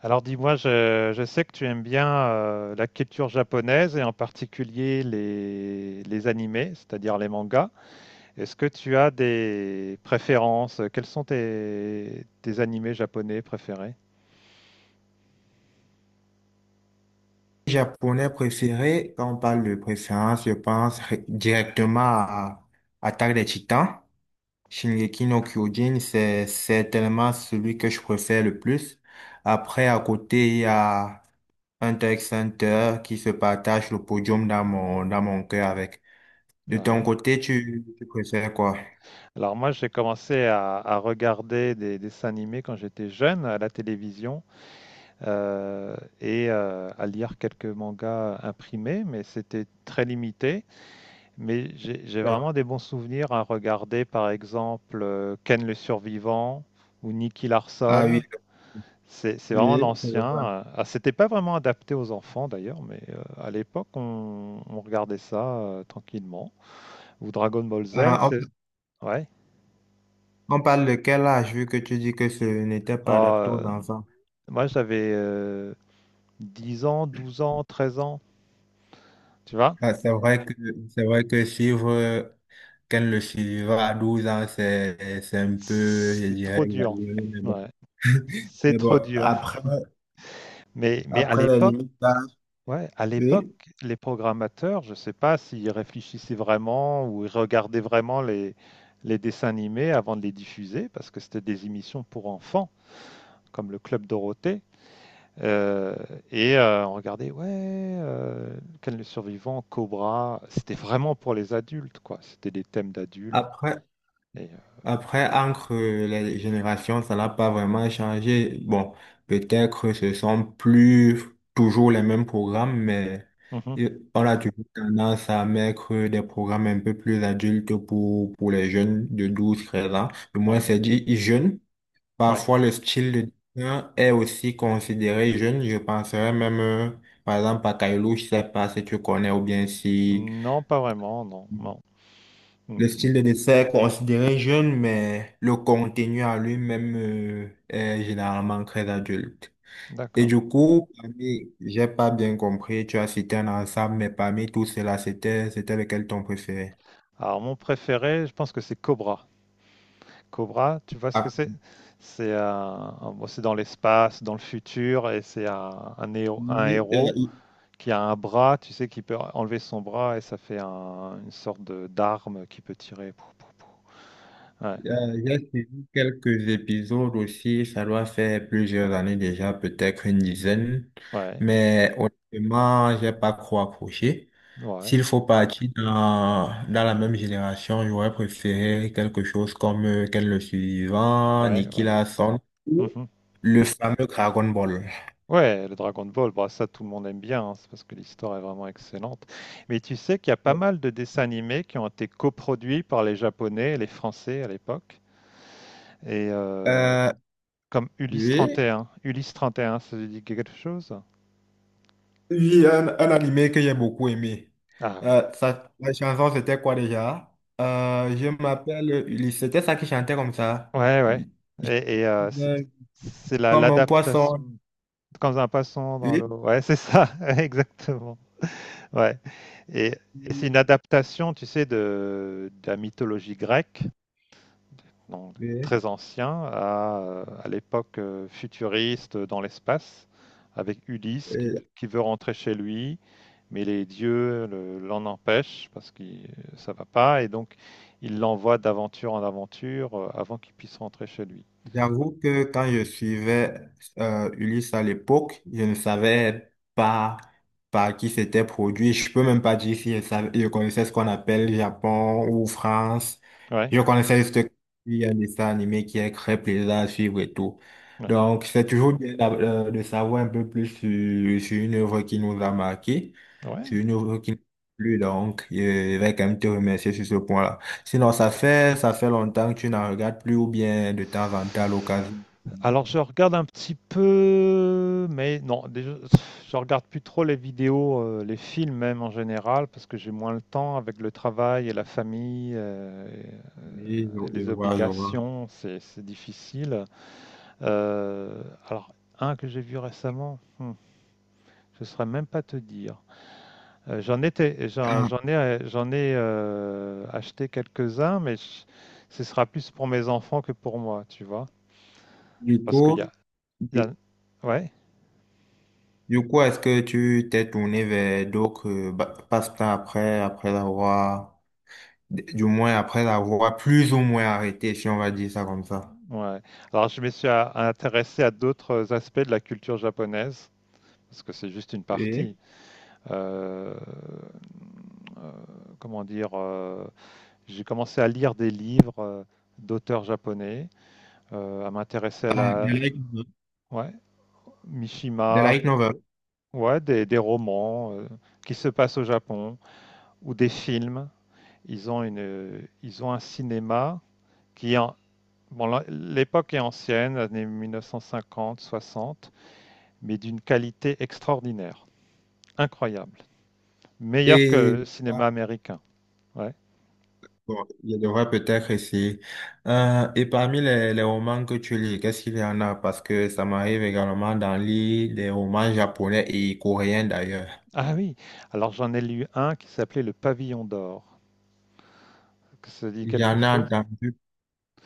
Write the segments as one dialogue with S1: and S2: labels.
S1: Alors dis-moi, je sais que tu aimes bien la culture japonaise et en particulier les animés, c'est-à-dire les mangas. Est-ce que tu as des préférences? Quels sont tes animés japonais préférés?
S2: Japonais préféré, quand on parle de préférence, je pense directement à Attaque des Titans. Shingeki no Kyojin, c'est certainement celui que je préfère le plus. Après, à côté, il y a Hunter x Hunter qui se partage le podium dans mon cœur avec. De ton
S1: Ouais.
S2: côté, tu préfères quoi?
S1: Alors moi, j'ai commencé à regarder des dessins animés quand j'étais jeune à la télévision, et à lire quelques mangas imprimés, mais c'était très limité. Mais j'ai
S2: Ça va.
S1: vraiment des bons souvenirs à regarder, par exemple, Ken le Survivant ou Nicky
S2: Ah
S1: Larson.
S2: oui.
S1: C'est vraiment
S2: Oui, je vois.
S1: l'ancien. Ah, c'était pas vraiment adapté aux enfants d'ailleurs, mais à l'époque, on regardait ça tranquillement. Ou Dragon Ball Z,
S2: On,
S1: c'est. Ouais.
S2: on parle de quel âge, vu que tu dis que ce n'était pas adapté
S1: Ah,
S2: aux enfants?
S1: moi, j'avais 10 ans, 12 ans, 13 ans, tu vois?
S2: Ah, c'est vrai que suivre, qu'elle le suivra à 12 ans, c'est un peu, je
S1: C'est
S2: dirais,
S1: trop dur.
S2: exagéré, mais bon.
S1: Ouais. C'est
S2: Mais bon,
S1: trop dur. Mais à
S2: après les
S1: l'époque,
S2: limites d'âge,
S1: ouais, à
S2: oui.
S1: l'époque, les programmateurs, je ne sais pas s'ils réfléchissaient vraiment ou ils regardaient vraiment les dessins animés avant de les diffuser, parce que c'était des émissions pour enfants, comme le Club Dorothée. Euh, et on regardait, ouais, Ken le Survivant, Cobra, c'était vraiment pour les adultes, quoi. C'était des thèmes d'adultes.
S2: Après,
S1: Et,
S2: après, entre les générations, ça n'a pas vraiment changé. Bon, peut-être ce sont plus toujours les mêmes programmes, mais
S1: mhm,
S2: on a toujours tendance à mettre des programmes un peu plus adultes pour, les jeunes de 12-13 ans. Du moins,
S1: ouais,
S2: c'est dit jeunes.
S1: ouais.
S2: Parfois, le style de dessin est aussi considéré jeune. Je penserais même, par exemple, à Kailou, je sais pas si tu connais ou bien si
S1: Non, pas vraiment, non, non. Mm,
S2: le
S1: mm.
S2: style de dessin est considéré jeune, mais le contenu à lui-même, est généralement très adulte. Et
S1: D'accord.
S2: du coup, j'ai pas bien compris, tu as cité un ensemble, mais parmi tous ceux-là, c'était lequel ton préféré?
S1: Alors, mon préféré, je pense que c'est Cobra. Cobra, tu vois ce que
S2: Ah,
S1: c'est? C'est bon, c'est dans l'espace, dans le futur, et c'est un héros, un
S2: oui.
S1: héros qui a un bras, tu sais, qui peut enlever son bras et ça fait une sorte de d'arme qui peut tirer. Pou, pou, pou. Ouais,
S2: J'ai suivi quelques épisodes aussi, ça doit faire plusieurs années déjà, peut-être une dizaine,
S1: ouais,
S2: mais honnêtement, j'ai pas trop accroché.
S1: ouais,
S2: S'il faut partir dans la même génération, j'aurais préféré quelque chose comme Ken le Suivant,
S1: ouais,
S2: Nicky
S1: ouais.
S2: Larson, ou
S1: Mhm.
S2: le fameux Dragon Ball.
S1: Ouais, le Dragon Ball, bah, ça tout le monde aime bien, hein, c'est parce que l'histoire est vraiment excellente. Mais tu sais qu'il y a pas mal de dessins animés qui ont été coproduits par les Japonais et les Français à l'époque. Et,
S2: Euh,
S1: comme Ulysse trente
S2: oui,
S1: et un, Ulysse 31, ça vous dit quelque chose?
S2: Oui, un animé que j'ai beaucoup aimé.
S1: Ah oui.
S2: La chanson, c'était quoi déjà? Je m'appelle Ulysse. C'était ça qui chantait comme ça.
S1: Ouais, ouais.
S2: Il- il-
S1: Et, c'est
S2: euh,
S1: c'est la
S2: Comme un poisson.
S1: l'adaptation quand un poisson dans
S2: Oui.
S1: l'eau. Ouais, c'est ça, ouais, exactement. Ouais, et et c'est une adaptation, tu sais, de la mythologie grecque, donc
S2: Oui.
S1: très ancien, à l'époque, futuriste, dans l'espace, avec Ulysse qui
S2: Et-
S1: qui veut rentrer chez lui. Mais les dieux l'en empêchent parce que ça va pas, et donc il l'envoie d'aventure en aventure, avant qu'il puisse rentrer chez lui.
S2: J'avoue que quand je suivais Ulysse à l'époque, je ne savais pas par qui c'était produit. Je peux même pas dire si je connaissais ce qu'on appelle Japon ou France.
S1: Ouais.
S2: Je connaissais juste qu'il y a un dessin animé qui est très plaisant à suivre et tout.
S1: Ouais.
S2: Donc, c'est toujours bien de savoir un peu plus sur, une œuvre qui nous a marqué, sur
S1: Ouais.
S2: une œuvre qui nous a plu. Donc, je vais quand même te remercier sur ce point-là. Sinon, ça fait longtemps que tu n'en regardes plus ou bien de temps en temps à l'occasion.
S1: Alors je regarde un petit peu, mais non, déjà, je regarde plus trop les vidéos, les films même en général, parce que j'ai moins le temps avec le travail et la famille,
S2: Oui,
S1: et
S2: je
S1: les
S2: vois, je vois.
S1: obligations, c'est difficile. Euh, alors un que j'ai vu récemment, je ne saurais même pas te dire. J'en étais, j'en,
S2: Ah,
S1: j'en ai, euh, j'en ai acheté quelques-uns, ce sera plus pour mes enfants que pour moi, tu vois.
S2: du
S1: Parce qu'il y
S2: coup,
S1: a, il y
S2: du,
S1: a- Ouais,
S2: du coup, est-ce que tu t'es tourné vers d'autres passe-temps après, du moins après avoir plus ou moins arrêté, si on va dire ça comme ça?
S1: ouais. Alors, je me suis intéressé à d'autres aspects de la culture japonaise, parce que c'est juste une partie.
S2: Oui.
S1: Euh, euh, Comment dire, j'ai commencé à lire des livres d'auteurs japonais, à m'intéresser à
S2: Ah, de
S1: la,
S2: light, novel.
S1: ouais,
S2: The
S1: Mishima,
S2: light novel.
S1: ouais, des romans qui se passent au Japon, ou des films. Ils ont un cinéma qui, en, bon, l'époque est ancienne, années 1950-60, mais d'une qualité extraordinaire, incroyable. Meilleur que
S2: Et
S1: le cinéma
S2: ah,
S1: américain. Ouais.
S2: bon, je devrais peut-être essayer. Et parmi les, romans que tu lis, qu'est-ce qu'il y en a? Parce que ça m'arrive également d'en lire des romans japonais et coréens d'ailleurs.
S1: Ah oui, alors j'en ai lu un qui s'appelait Le Pavillon d'or. Ça dit quelque
S2: J'en ai
S1: chose?
S2: entendu,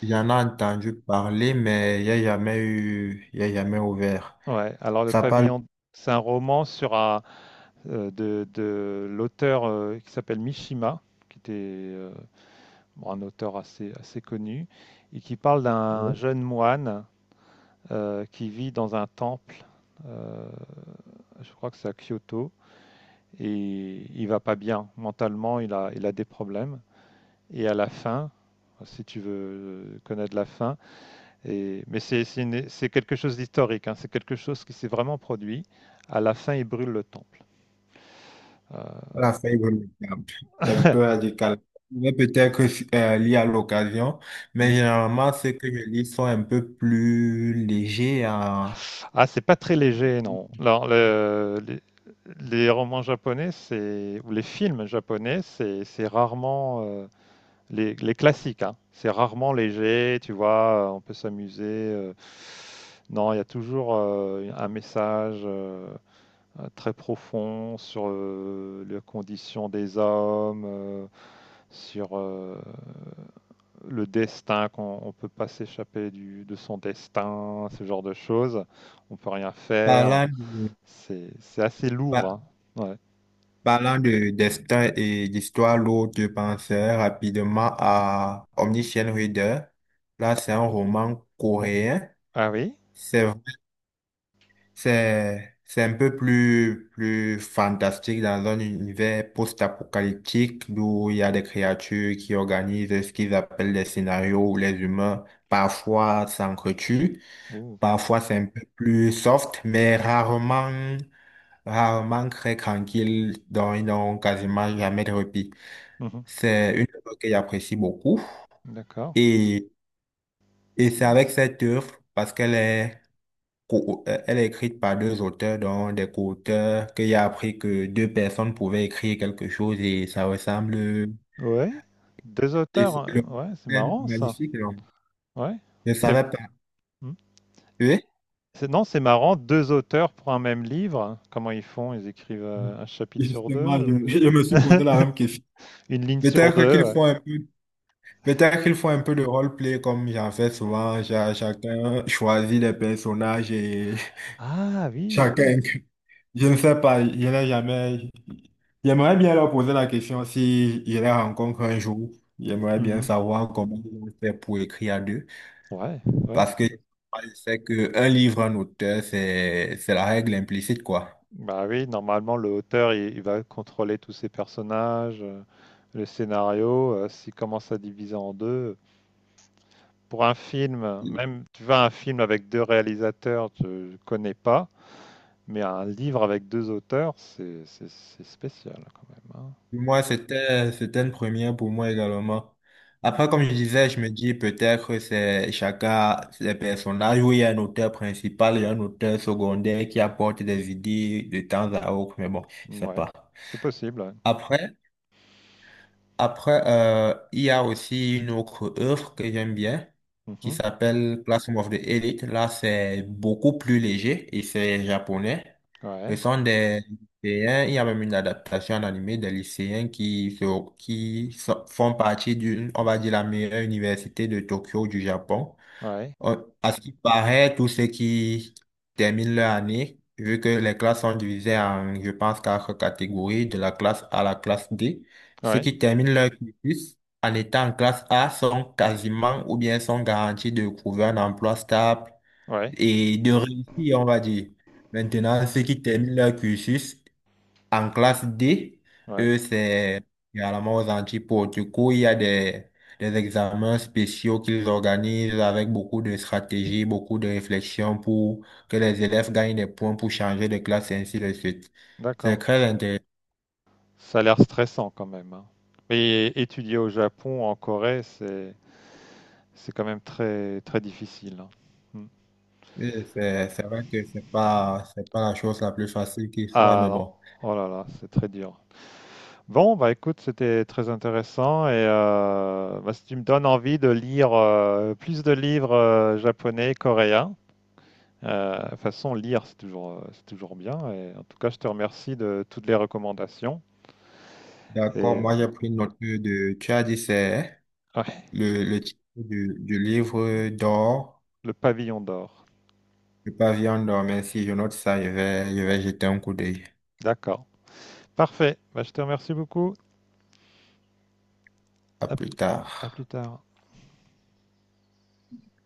S2: j'en ai entendu parler, mais il n'y a jamais eu, il n'y a jamais ouvert.
S1: Ouais, alors Le
S2: Ça parle
S1: Pavillon, c'est un roman sur un, de l'auteur qui s'appelle Mishima, qui était un auteur assez connu, et qui parle d'un
S2: de
S1: jeune moine qui vit dans un temple, euh, je crois que c'est à Kyoto, et il va pas bien. Mentalement, il a des problèmes. Et à la fin, si tu veux connaître la fin, mais c'est quelque chose d'historique, hein, c'est quelque chose qui s'est vraiment produit. À la fin, il brûle le temple. Euh,
S2: la feuille remarquable, un peu radical. Mais peut-être lire à l'occasion, mais
S1: mm.
S2: généralement, ceux que je lis sont un peu plus légers en
S1: Ah, c'est pas très léger, non. Alors, les romans japonais, c'est, ou les films japonais, c'est rarement les classiques, hein. C'est rarement léger, tu vois, on peut s'amuser. Non, il y a toujours un message très profond sur les conditions des hommes, sur le destin, qu'on ne peut pas s'échapper de son destin, ce genre de choses. On peut rien faire.
S2: parlant de,
S1: C'est assez lourd, hein. Ouais.
S2: parlant de destin et d'histoire lourde, je pensais rapidement à Omniscient Reader. Là, c'est un roman
S1: Bon.
S2: coréen.
S1: Ah oui?
S2: C'est vrai- c'est un peu plus, fantastique dans un univers post-apocalyptique où il y a des créatures qui organisent ce qu'ils appellent des scénarios où les humains parfois s'entretuent.
S1: Ouh.
S2: Parfois, c'est un peu plus soft, mais rarement, rarement très tranquille. Donc, ils n'ont quasiment jamais de repos.
S1: Mhm.
S2: C'est une œuvre que j'apprécie beaucoup.
S1: D'accord.
S2: Et, et c'est avec cette œuvre, parce qu'elle est, elle est écrite par deux auteurs, dont des co-auteurs, que j'ai appris que deux personnes pouvaient écrire quelque chose et ça ressemble.
S1: Ouais. Deux
S2: Et
S1: auteurs,
S2: c'est
S1: hein.
S2: le-
S1: Ouais, c'est
S2: c'est
S1: marrant ça.
S2: magnifique, non?
S1: Ouais.
S2: Je ne
S1: C'est
S2: savais pas.
S1: hmm.
S2: Oui?
S1: Non, c'est marrant, deux auteurs pour un même livre. Comment ils font? Ils écrivent un chapitre sur
S2: Justement,
S1: deux, ou-
S2: je me suis posé la même question.
S1: une ligne sur
S2: Peut-être
S1: deux.
S2: qu'il
S1: Ouais.
S2: faut un peu Peut-être qu'ils font un peu de roleplay comme j'en fais souvent. Chacun choisit les personnages et
S1: Ah oui,
S2: chacun.
S1: oui.
S2: Je ne sais pas, je n'ai jamais. J'aimerais bien leur poser la question si je les rencontre un jour. J'aimerais bien
S1: Mhm.
S2: savoir comment ils ont fait pour écrire à deux.
S1: Ouais, ouais.
S2: Parce que je sais qu'un livre, un auteur, c'est la règle implicite, quoi.
S1: Bah oui, normalement le auteur il va contrôler tous ses personnages, le scénario. S'il commence à diviser en deux, pour un film, même tu vas à un film avec deux réalisateurs, tu ne connais pas, mais un livre avec deux auteurs, c'est spécial quand même, hein.
S2: Moi, c'était une première pour moi également.
S1: Ouais,
S2: Après, comme je disais, je me dis peut-être que c'est chacun ses personnages où il y a un auteur principal et un auteur secondaire qui apporte des idées de temps à autre, mais bon, je sais
S1: ouais,
S2: pas.
S1: c'est possible. Ouais.
S2: Après, après, il y a aussi une autre œuvre que j'aime bien qui
S1: Mhm.
S2: s'appelle Classroom of the Elite. Là, c'est beaucoup plus léger et c'est japonais. Ce
S1: Ouais,
S2: sont des lycéens, il y a même une adaptation en animé des lycéens qui, font partie d'une, on va dire, la meilleure université de Tokyo du Japon.
S1: ouais,
S2: À ce qui paraît, tous ceux qui terminent leur année, vu que les classes sont divisées en, je pense, quatre catégories, de la classe A à la classe D, ceux
S1: ouais,
S2: qui terminent leur cursus en étant en classe A sont quasiment ou bien sont garantis de trouver un emploi stable
S1: ouais,
S2: et de réussir, on va dire. Maintenant, ceux qui terminent leur cursus en classe D,
S1: ouais.
S2: eux, c'est également aux antipodes. Du coup, il y a des examens spéciaux qu'ils organisent avec beaucoup de stratégies, beaucoup de réflexions pour que les élèves gagnent des points pour changer de classe et ainsi de suite. C'est
S1: D'accord.
S2: très intéressant.
S1: Ça a l'air stressant quand même, hein. Et étudier au Japon, en Corée, c'est quand même très très difficile, hein. Mm.
S2: Et c'est vrai que c'est pas la chose la plus facile qui soit,
S1: Ah
S2: mais
S1: non,
S2: bon.
S1: oh là là, c'est très dur. Bon, bah écoute, c'était très intéressant, et bah, si tu me donnes envie de lire plus de livres japonais, coréens, de toute façon, lire, c'est toujours bien. Et en tout cas, je te remercie de toutes les recommandations. Et
S2: D'accord, moi j'ai pris note de, tu as dit c'est
S1: ouais,
S2: le, titre du, livre d'or,
S1: le pavillon d'or.
S2: le pavillon d'or, mais si je note ça, je vais, jeter un coup d'œil.
S1: D'accord. Parfait. Bah, je te remercie beaucoup.
S2: À
S1: À
S2: plus
S1: plus, à
S2: tard.
S1: plus tard.